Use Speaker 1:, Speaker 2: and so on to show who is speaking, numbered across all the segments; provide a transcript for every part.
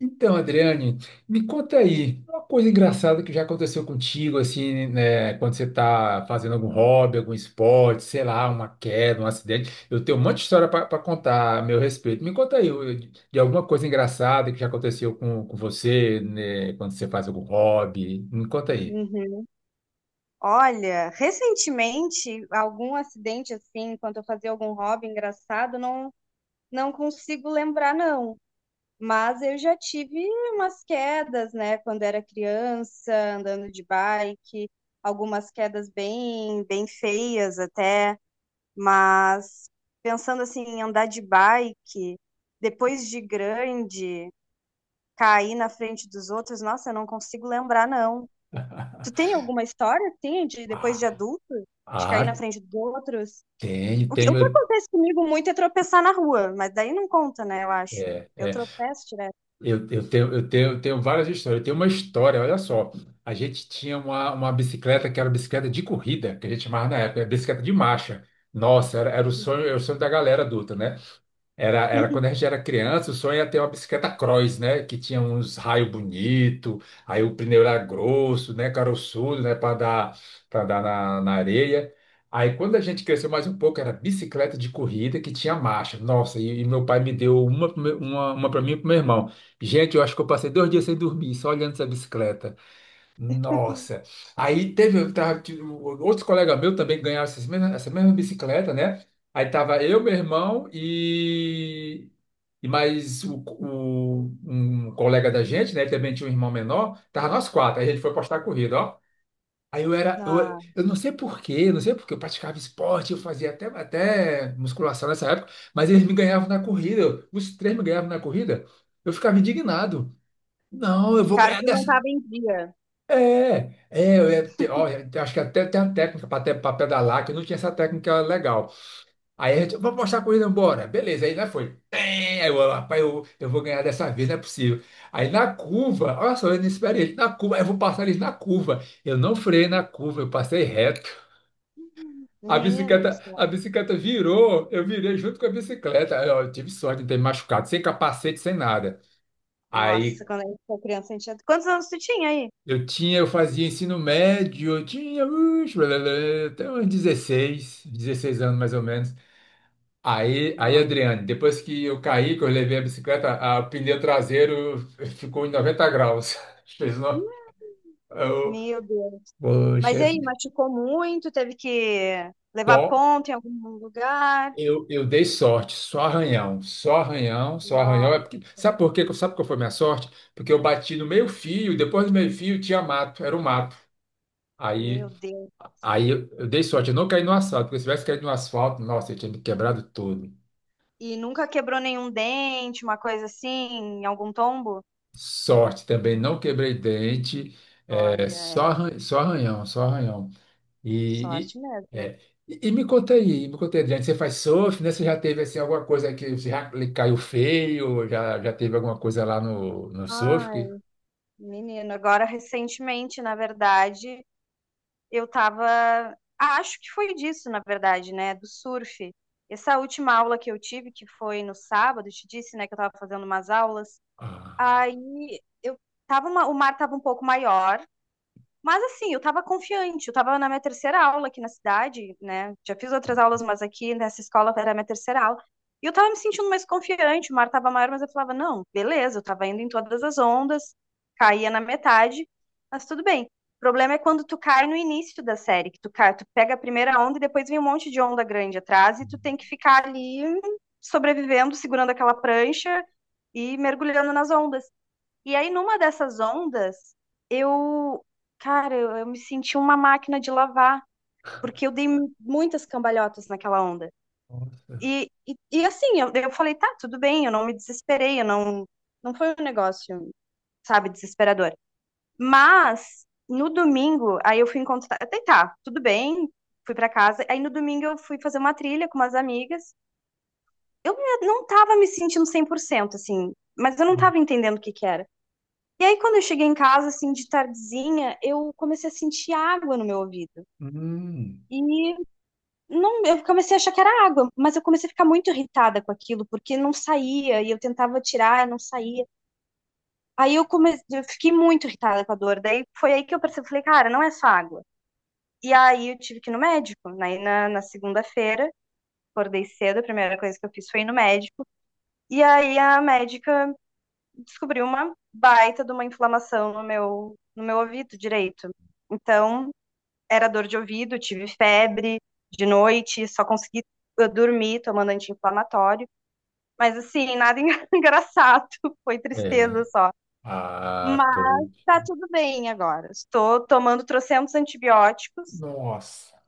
Speaker 1: Então, Adriane, me conta aí, uma coisa engraçada que já aconteceu contigo, assim, né, quando você está fazendo algum hobby, algum esporte, sei lá, uma queda, um acidente. Eu tenho um monte de história para contar a meu respeito. Me conta aí de alguma coisa engraçada que já aconteceu com você, né, quando você faz algum hobby. Me conta aí.
Speaker 2: Uhum. Olha, recentemente, algum acidente assim, enquanto eu fazia algum hobby engraçado, não, não consigo lembrar, não. Mas eu já tive umas quedas, né, quando era criança, andando de bike, algumas quedas bem, bem feias até. Mas pensando assim, em andar de bike, depois de grande, cair na frente dos outros, nossa, eu não consigo lembrar, não. Tu tem alguma história, assim, de depois de
Speaker 1: Ah,
Speaker 2: adulto, de cair na
Speaker 1: ah,
Speaker 2: frente dos outros?
Speaker 1: tenho,
Speaker 2: O que
Speaker 1: tenho.
Speaker 2: acontece comigo muito é tropeçar na rua, mas daí não conta, né, eu acho.
Speaker 1: É.
Speaker 2: Eu tropeço direto.
Speaker 1: Eu tenho várias histórias. Eu tenho uma história, olha só. A gente tinha uma bicicleta que era bicicleta de corrida, que a gente chamava na época, era bicicleta de marcha. Nossa, era o sonho, era o
Speaker 2: Uhum.
Speaker 1: sonho da galera adulta, né? Era quando a gente era criança, o sonho era ter uma bicicleta cross, né? Que tinha uns raios bonitos, aí o pneu era grosso, né? Caroçudo, né? Para dar na areia. Aí quando a gente cresceu mais um pouco, era bicicleta de corrida que tinha marcha. Nossa, e meu pai me deu uma para mim e para meu irmão. Gente, eu acho que eu passei 2 dias sem dormir, só olhando essa bicicleta. Nossa. Eu tava, tipo, outros colegas meus também ganharam essa mesma bicicleta, né? Aí tava eu, meu irmão e mais um colega da gente, né? Ele também tinha um irmão menor. Tava nós quatro. Aí a gente foi postar a corrida, ó. Aí eu era,
Speaker 2: Ah,
Speaker 1: eu não sei por quê, eu não sei porque eu praticava esporte, eu fazia até musculação nessa época, mas eles me ganhavam na corrida, os três me ganhavam na corrida, eu ficava indignado. Não, eu vou
Speaker 2: cara,
Speaker 1: ganhar.
Speaker 2: tu não tava em dia.
Speaker 1: Ó, eu acho que até tem a técnica para pedalar, que eu não tinha essa técnica legal. Vamos mostrar a corrida, bora. Beleza, aí lá foi. Rapaz, eu vou ganhar dessa vez, não é possível. Aí na curva, olha só, eu não esperei ele na curva, aí eu vou passar eles na curva. Eu não freiei na curva, eu passei reto. A
Speaker 2: Menino do
Speaker 1: bicicleta, a
Speaker 2: céu.
Speaker 1: bicicleta virou, eu virei junto com a bicicleta. Aí, ó, eu tive sorte de não ter me machucado, sem capacete, sem nada. Aí
Speaker 2: Nossa, quando a gente foi criança, a gente tinha- Quantos anos tu tinha aí?
Speaker 1: Eu fazia ensino médio, eu tinha uix, blá, blá, blá, até uns dezesseis anos mais ou menos. Aí,
Speaker 2: Nossa.
Speaker 1: Adriane, depois que eu caí, que eu levei a bicicleta, o pneu traseiro ficou em 90 graus. Fez uma, eu,
Speaker 2: Meu Deus. Mas
Speaker 1: poxa,
Speaker 2: e aí, machucou muito? Teve que levar
Speaker 1: só
Speaker 2: ponto em algum lugar?
Speaker 1: eu dei sorte, só arranhão, só arranhão, só arranhão. É
Speaker 2: Nossa,
Speaker 1: porque, sabe por quê? Sabe qual foi a minha sorte? Porque eu bati no meio-fio, depois do meio-fio tinha mato, era o mato. Aí
Speaker 2: meu Deus.
Speaker 1: Aí eu dei sorte, eu não caí no asfalto, porque se tivesse caído no asfalto, nossa, eu tinha me quebrado todo.
Speaker 2: E nunca quebrou nenhum dente, uma coisa assim, em algum tombo?
Speaker 1: Sorte também, não quebrei dente, é,
Speaker 2: Olha, é
Speaker 1: só arranhão, só arranhão. E,
Speaker 2: sorte
Speaker 1: e,
Speaker 2: mesmo.
Speaker 1: é, e me conta aí, Adriano, você faz surf, né? Você já teve assim, alguma coisa que você já lhe caiu feio, já teve alguma coisa lá no surf?
Speaker 2: Ai, menino, agora recentemente, na verdade, eu tava. Ah, acho que foi disso, na verdade, né? Do surf. Essa última aula que eu tive, que foi no sábado, eu te disse, né, que eu tava fazendo umas aulas.
Speaker 1: Ah,
Speaker 2: Aí eu tava uma... o mar tava um pouco maior. Mas assim, eu estava confiante, eu estava na minha terceira aula aqui na cidade, né? Já fiz outras aulas, mas aqui nessa escola era a minha terceira aula. E eu estava me sentindo mais confiante, o mar estava maior, mas eu falava, não, beleza, eu estava indo em todas as ondas, caía na metade, mas tudo bem. O problema é quando tu cai no início da série, que tu cai, tu pega a primeira onda e depois vem um monte de onda grande atrás e tu tem que ficar ali sobrevivendo, segurando aquela prancha e mergulhando nas ondas. E aí, numa dessas ondas, eu, cara, eu me senti uma máquina de lavar, porque eu dei muitas cambalhotas naquela onda.
Speaker 1: nossa.
Speaker 2: E assim, eu falei, tá, tudo bem, eu não me desesperei, eu não, não foi um negócio, sabe, desesperador. Mas no domingo, aí eu fui encontrar, até tá, tudo bem, fui pra casa. Aí no domingo eu fui fazer uma trilha com umas amigas. Eu não tava me sentindo 100% assim, mas eu não tava entendendo o que que era. E aí, quando eu cheguei em casa, assim, de tardezinha, eu comecei a sentir água no meu ouvido.
Speaker 1: Hum.
Speaker 2: E não, eu comecei a achar que era água, mas eu comecei a ficar muito irritada com aquilo, porque não saía, e eu tentava tirar, não saía. Aí eu comecei, eu fiquei muito irritada com a dor. Daí foi aí que eu percebi, falei, cara, não é só água. E aí eu tive que ir no médico, né? E na segunda-feira, acordei cedo, a primeira coisa que eu fiz foi ir no médico. E aí a médica descobriu uma baita de uma inflamação no meu, no meu ouvido direito. Então, era dor de ouvido, tive febre de noite, só consegui dormir tomando anti-inflamatório. Mas assim, nada engraçado, foi
Speaker 1: É.
Speaker 2: tristeza só.
Speaker 1: Ah, pô.
Speaker 2: Mas tá tudo bem agora. Estou tomando trocentos antibióticos,
Speaker 1: Nossa.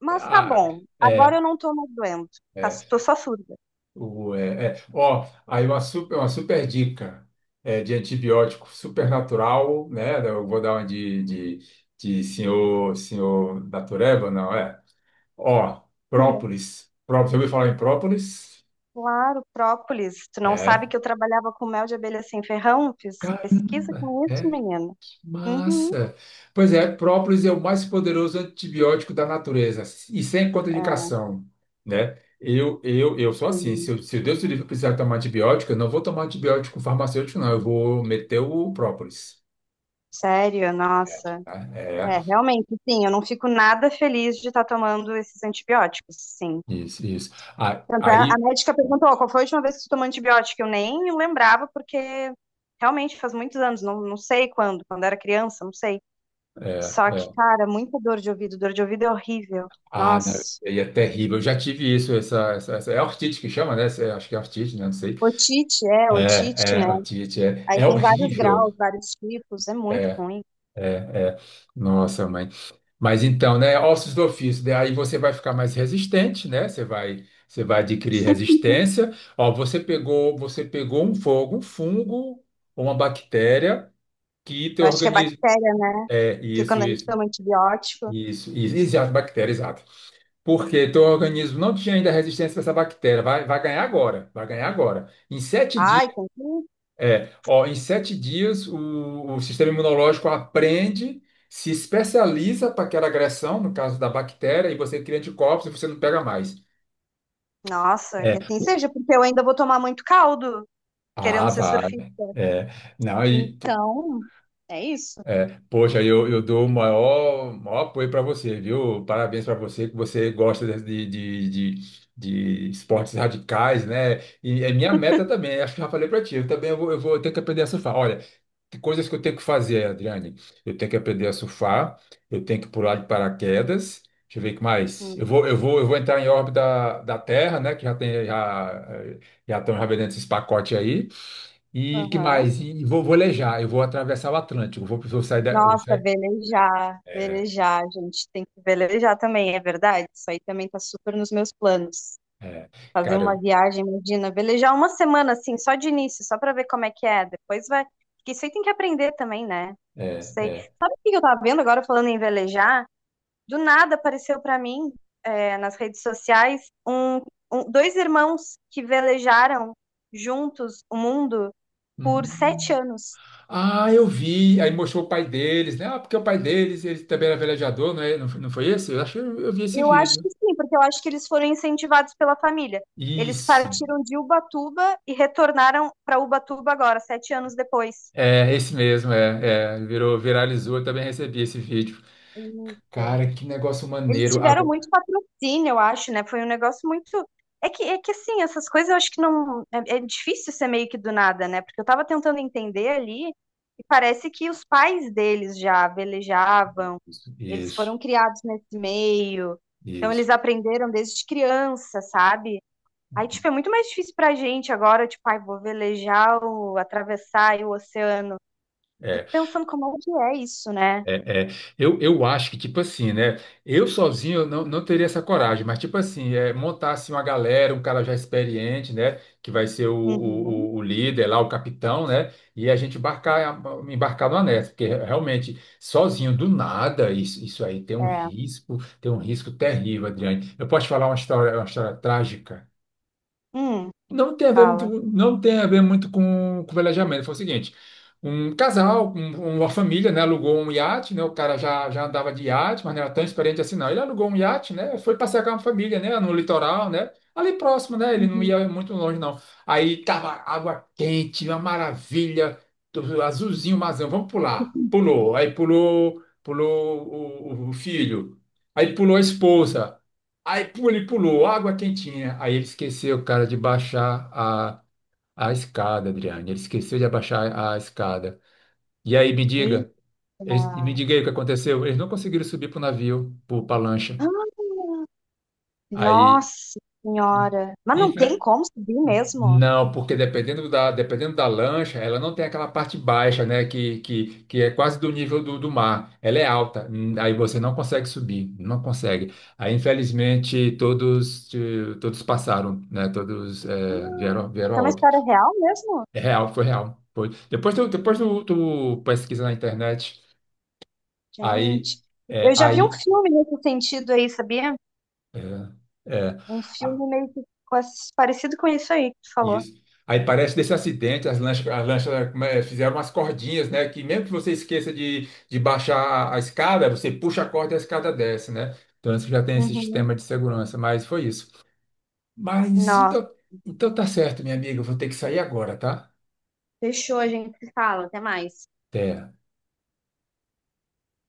Speaker 2: mas tá
Speaker 1: Ah,
Speaker 2: bom.
Speaker 1: é.
Speaker 2: Agora eu não tô mais doente. Tá,
Speaker 1: É,
Speaker 2: tô só surda.
Speaker 1: O, é, é. Ó, aí uma super dica é, de antibiótico super natural, né? Eu vou dar uma de senhor da Tureba, não é? Ó, própolis. Própolis. Você ouviu falar em própolis?
Speaker 2: Claro, própolis. Tu não sabe
Speaker 1: É.
Speaker 2: que eu trabalhava com mel de abelha sem ferrão? Fiz pesquisa
Speaker 1: Caramba!
Speaker 2: com isso,
Speaker 1: É.
Speaker 2: menina. Uhum.
Speaker 1: Massa. Pois é, própolis é o mais poderoso antibiótico da natureza e sem
Speaker 2: É,
Speaker 1: contraindicação, né? Eu sou assim,
Speaker 2: sim.
Speaker 1: se Deus me livre eu precisar tomar antibiótico, eu não vou tomar antibiótico farmacêutico, não, eu vou meter o própolis.
Speaker 2: Sério, nossa.
Speaker 1: Tá? É,
Speaker 2: É, realmente, sim, eu não fico nada feliz de estar tomando esses antibióticos, sim.
Speaker 1: isso, isso. Ah,
Speaker 2: Tanto é, a
Speaker 1: aí,
Speaker 2: médica perguntou qual foi a última vez que tu tomou antibiótico? Eu nem lembrava, porque realmente faz muitos anos, não, não sei quando, quando era criança, não sei.
Speaker 1: é,
Speaker 2: Só que,
Speaker 1: é.
Speaker 2: cara, muita dor de ouvido é horrível.
Speaker 1: Ah, não, isso
Speaker 2: Nossa,
Speaker 1: aí é terrível. Eu já tive isso, é ortite que chama, né? Acho que é ortite, né? Não sei.
Speaker 2: otite, é, otite,
Speaker 1: É,
Speaker 2: né?
Speaker 1: ortite, é,
Speaker 2: Aí
Speaker 1: é
Speaker 2: tem vários
Speaker 1: horrível.
Speaker 2: graus, vários tipos, é muito ruim.
Speaker 1: É, é. Nossa, mãe. Mas então, né, ossos do ofício, daí você vai ficar mais resistente, né? Você vai adquirir resistência. Ó, você pegou um fogo, um fungo ou uma bactéria que
Speaker 2: Eu
Speaker 1: teu
Speaker 2: acho que é
Speaker 1: organismo,
Speaker 2: bactéria, né?
Speaker 1: é,
Speaker 2: Porque
Speaker 1: isso,
Speaker 2: quando a gente
Speaker 1: isso,
Speaker 2: toma antibiótico,
Speaker 1: isso, isso, exato, bactéria, exato. Porque teu organismo não tinha ainda resistência para essa bactéria, vai ganhar agora, vai ganhar agora. Em sete dias
Speaker 2: ai, tem que... assim.
Speaker 1: é, ó, Em 7 dias o sistema imunológico aprende, se especializa para aquela agressão, no caso da bactéria, e você cria anticorpos e você não pega mais.
Speaker 2: Nossa, que
Speaker 1: É.
Speaker 2: assim seja, porque eu ainda vou tomar muito caldo. Querendo
Speaker 1: Ah,
Speaker 2: ser
Speaker 1: vale.
Speaker 2: surfista.
Speaker 1: É, não,
Speaker 2: Então, é isso.
Speaker 1: é, poxa, eu dou o maior, maior apoio para você, viu? Parabéns para você, que você gosta de esportes radicais, né? E é minha meta também, acho que já falei para ti, eu também eu vou ter que aprender a surfar. Olha, que coisas que eu tenho que fazer, Adriane? Eu tenho que aprender a surfar, eu tenho que pular de paraquedas. Deixa eu ver o que mais.
Speaker 2: Hum.
Speaker 1: Eu vou entrar em órbita da Terra, né? Que já estão já vendendo esses pacotes aí. E que
Speaker 2: Aham.
Speaker 1: mais? E vou velejar, eu vou atravessar o Atlântico. Eu vou
Speaker 2: Nossa,
Speaker 1: sair.
Speaker 2: velejar,
Speaker 1: É,
Speaker 2: velejar, a gente, tem que velejar também, é verdade? Isso aí também tá super nos meus planos.
Speaker 1: é,
Speaker 2: Fazer
Speaker 1: cara,
Speaker 2: uma
Speaker 1: eu-
Speaker 2: viagem, imagina, velejar uma semana assim, só de início, só pra ver como é que é. Depois vai. Porque isso aí tem que aprender também, né?
Speaker 1: é,
Speaker 2: Sei.
Speaker 1: é.
Speaker 2: Sabe o que eu tava vendo agora falando em velejar? Do nada apareceu pra mim, é, nas redes sociais, um- dois irmãos que velejaram juntos o mundo. Por sete
Speaker 1: Hum.
Speaker 2: anos.
Speaker 1: Ah, eu vi. Aí mostrou o pai deles, né? Ah, porque o pai deles, ele também era velejador, não é? Não foi esse? Eu acho que eu vi esse
Speaker 2: Eu acho
Speaker 1: vídeo.
Speaker 2: que sim, porque eu acho que eles foram incentivados pela família. Eles
Speaker 1: Isso.
Speaker 2: partiram de Ubatuba e retornaram para Ubatuba agora, 7 anos depois.
Speaker 1: É, esse mesmo, virou, viralizou, eu também recebi esse vídeo.
Speaker 2: Isso.
Speaker 1: Cara, que negócio
Speaker 2: Eles
Speaker 1: maneiro.
Speaker 2: tiveram
Speaker 1: Agora...
Speaker 2: muito patrocínio, eu acho, né? Foi um negócio muito. É que assim, essas coisas eu acho que não. É, é difícil ser meio que do nada, né? Porque eu tava tentando entender ali e parece que os pais deles já velejavam,
Speaker 1: Isso,
Speaker 2: eles
Speaker 1: isso.
Speaker 2: foram criados nesse meio, então
Speaker 1: Isso.
Speaker 2: eles aprenderam desde criança, sabe? Aí, tipo, é muito mais difícil pra gente agora, tipo, ai, vou velejar, o, atravessar aí o oceano. Fico pensando como é que é isso, né?
Speaker 1: É, é. Eu acho que, tipo assim, né? Eu sozinho eu não teria essa coragem, mas, tipo assim, é, montar assim, uma galera, um cara já experiente, né? Que vai ser
Speaker 2: Uhum,
Speaker 1: o líder lá, o capitão, né? E a gente embarcar, numa nessa, porque realmente, sozinho, do nada, isso aí
Speaker 2: é.
Speaker 1: tem um risco terrível, Adriane. Eu posso te falar uma história trágica?
Speaker 2: Hum,
Speaker 1: Não tem a ver muito,
Speaker 2: fala.
Speaker 1: não tem a ver muito com velejamento. Foi o seguinte, um casal, uma família, né, alugou um iate, né, o cara já andava de iate, mas não era tão experiente assim, não. Ele alugou um iate, né, foi passear com a família, né, no litoral, né, ali próximo, né, ele não
Speaker 2: Uhum.
Speaker 1: ia muito longe, não. Aí tava água quente, uma maravilha, tudo azulzinho, mazão, vamos pular. Pulou, aí pulou o filho, aí pulou a esposa. Aí ele pulou, água quentinha. Aí ele esqueceu, cara, de baixar a escada, Adriane. Ele esqueceu de abaixar a escada. E aí,
Speaker 2: Eita.
Speaker 1: me
Speaker 2: Ah,
Speaker 1: diga aí o que aconteceu. Eles não conseguiram subir pro navio, pra lancha. Aí,
Speaker 2: nossa senhora. Mas não tem como subir mesmo?
Speaker 1: não, porque dependendo da lancha, ela não tem aquela parte baixa, né? Que é quase do nível do mar. Ela é alta, aí você não consegue subir, não consegue. Aí, infelizmente, todos passaram, né? Todos, vieram
Speaker 2: Isso é
Speaker 1: a
Speaker 2: uma
Speaker 1: óbito.
Speaker 2: história real mesmo?
Speaker 1: É real, foi real. Foi. Depois tu pesquisa na internet, aí,
Speaker 2: Gente, eu já vi um
Speaker 1: aí,
Speaker 2: filme nesse sentido aí, sabia?
Speaker 1: é,
Speaker 2: Um
Speaker 1: é.
Speaker 2: filme meio que com esse- parecido com isso aí que tu falou.
Speaker 1: Isso. Aí parece desse acidente, as lanchas, como é, fizeram umas cordinhas, né? Que mesmo que você esqueça de baixar a escada, você puxa a corda e a escada desce, né? Então isso já tem esse
Speaker 2: Uhum.
Speaker 1: sistema de segurança, mas foi isso. Mas
Speaker 2: Nossa,
Speaker 1: então, tá certo, minha amiga, eu vou ter que sair agora, tá?
Speaker 2: fechou, a gente se fala. Até mais.
Speaker 1: Até.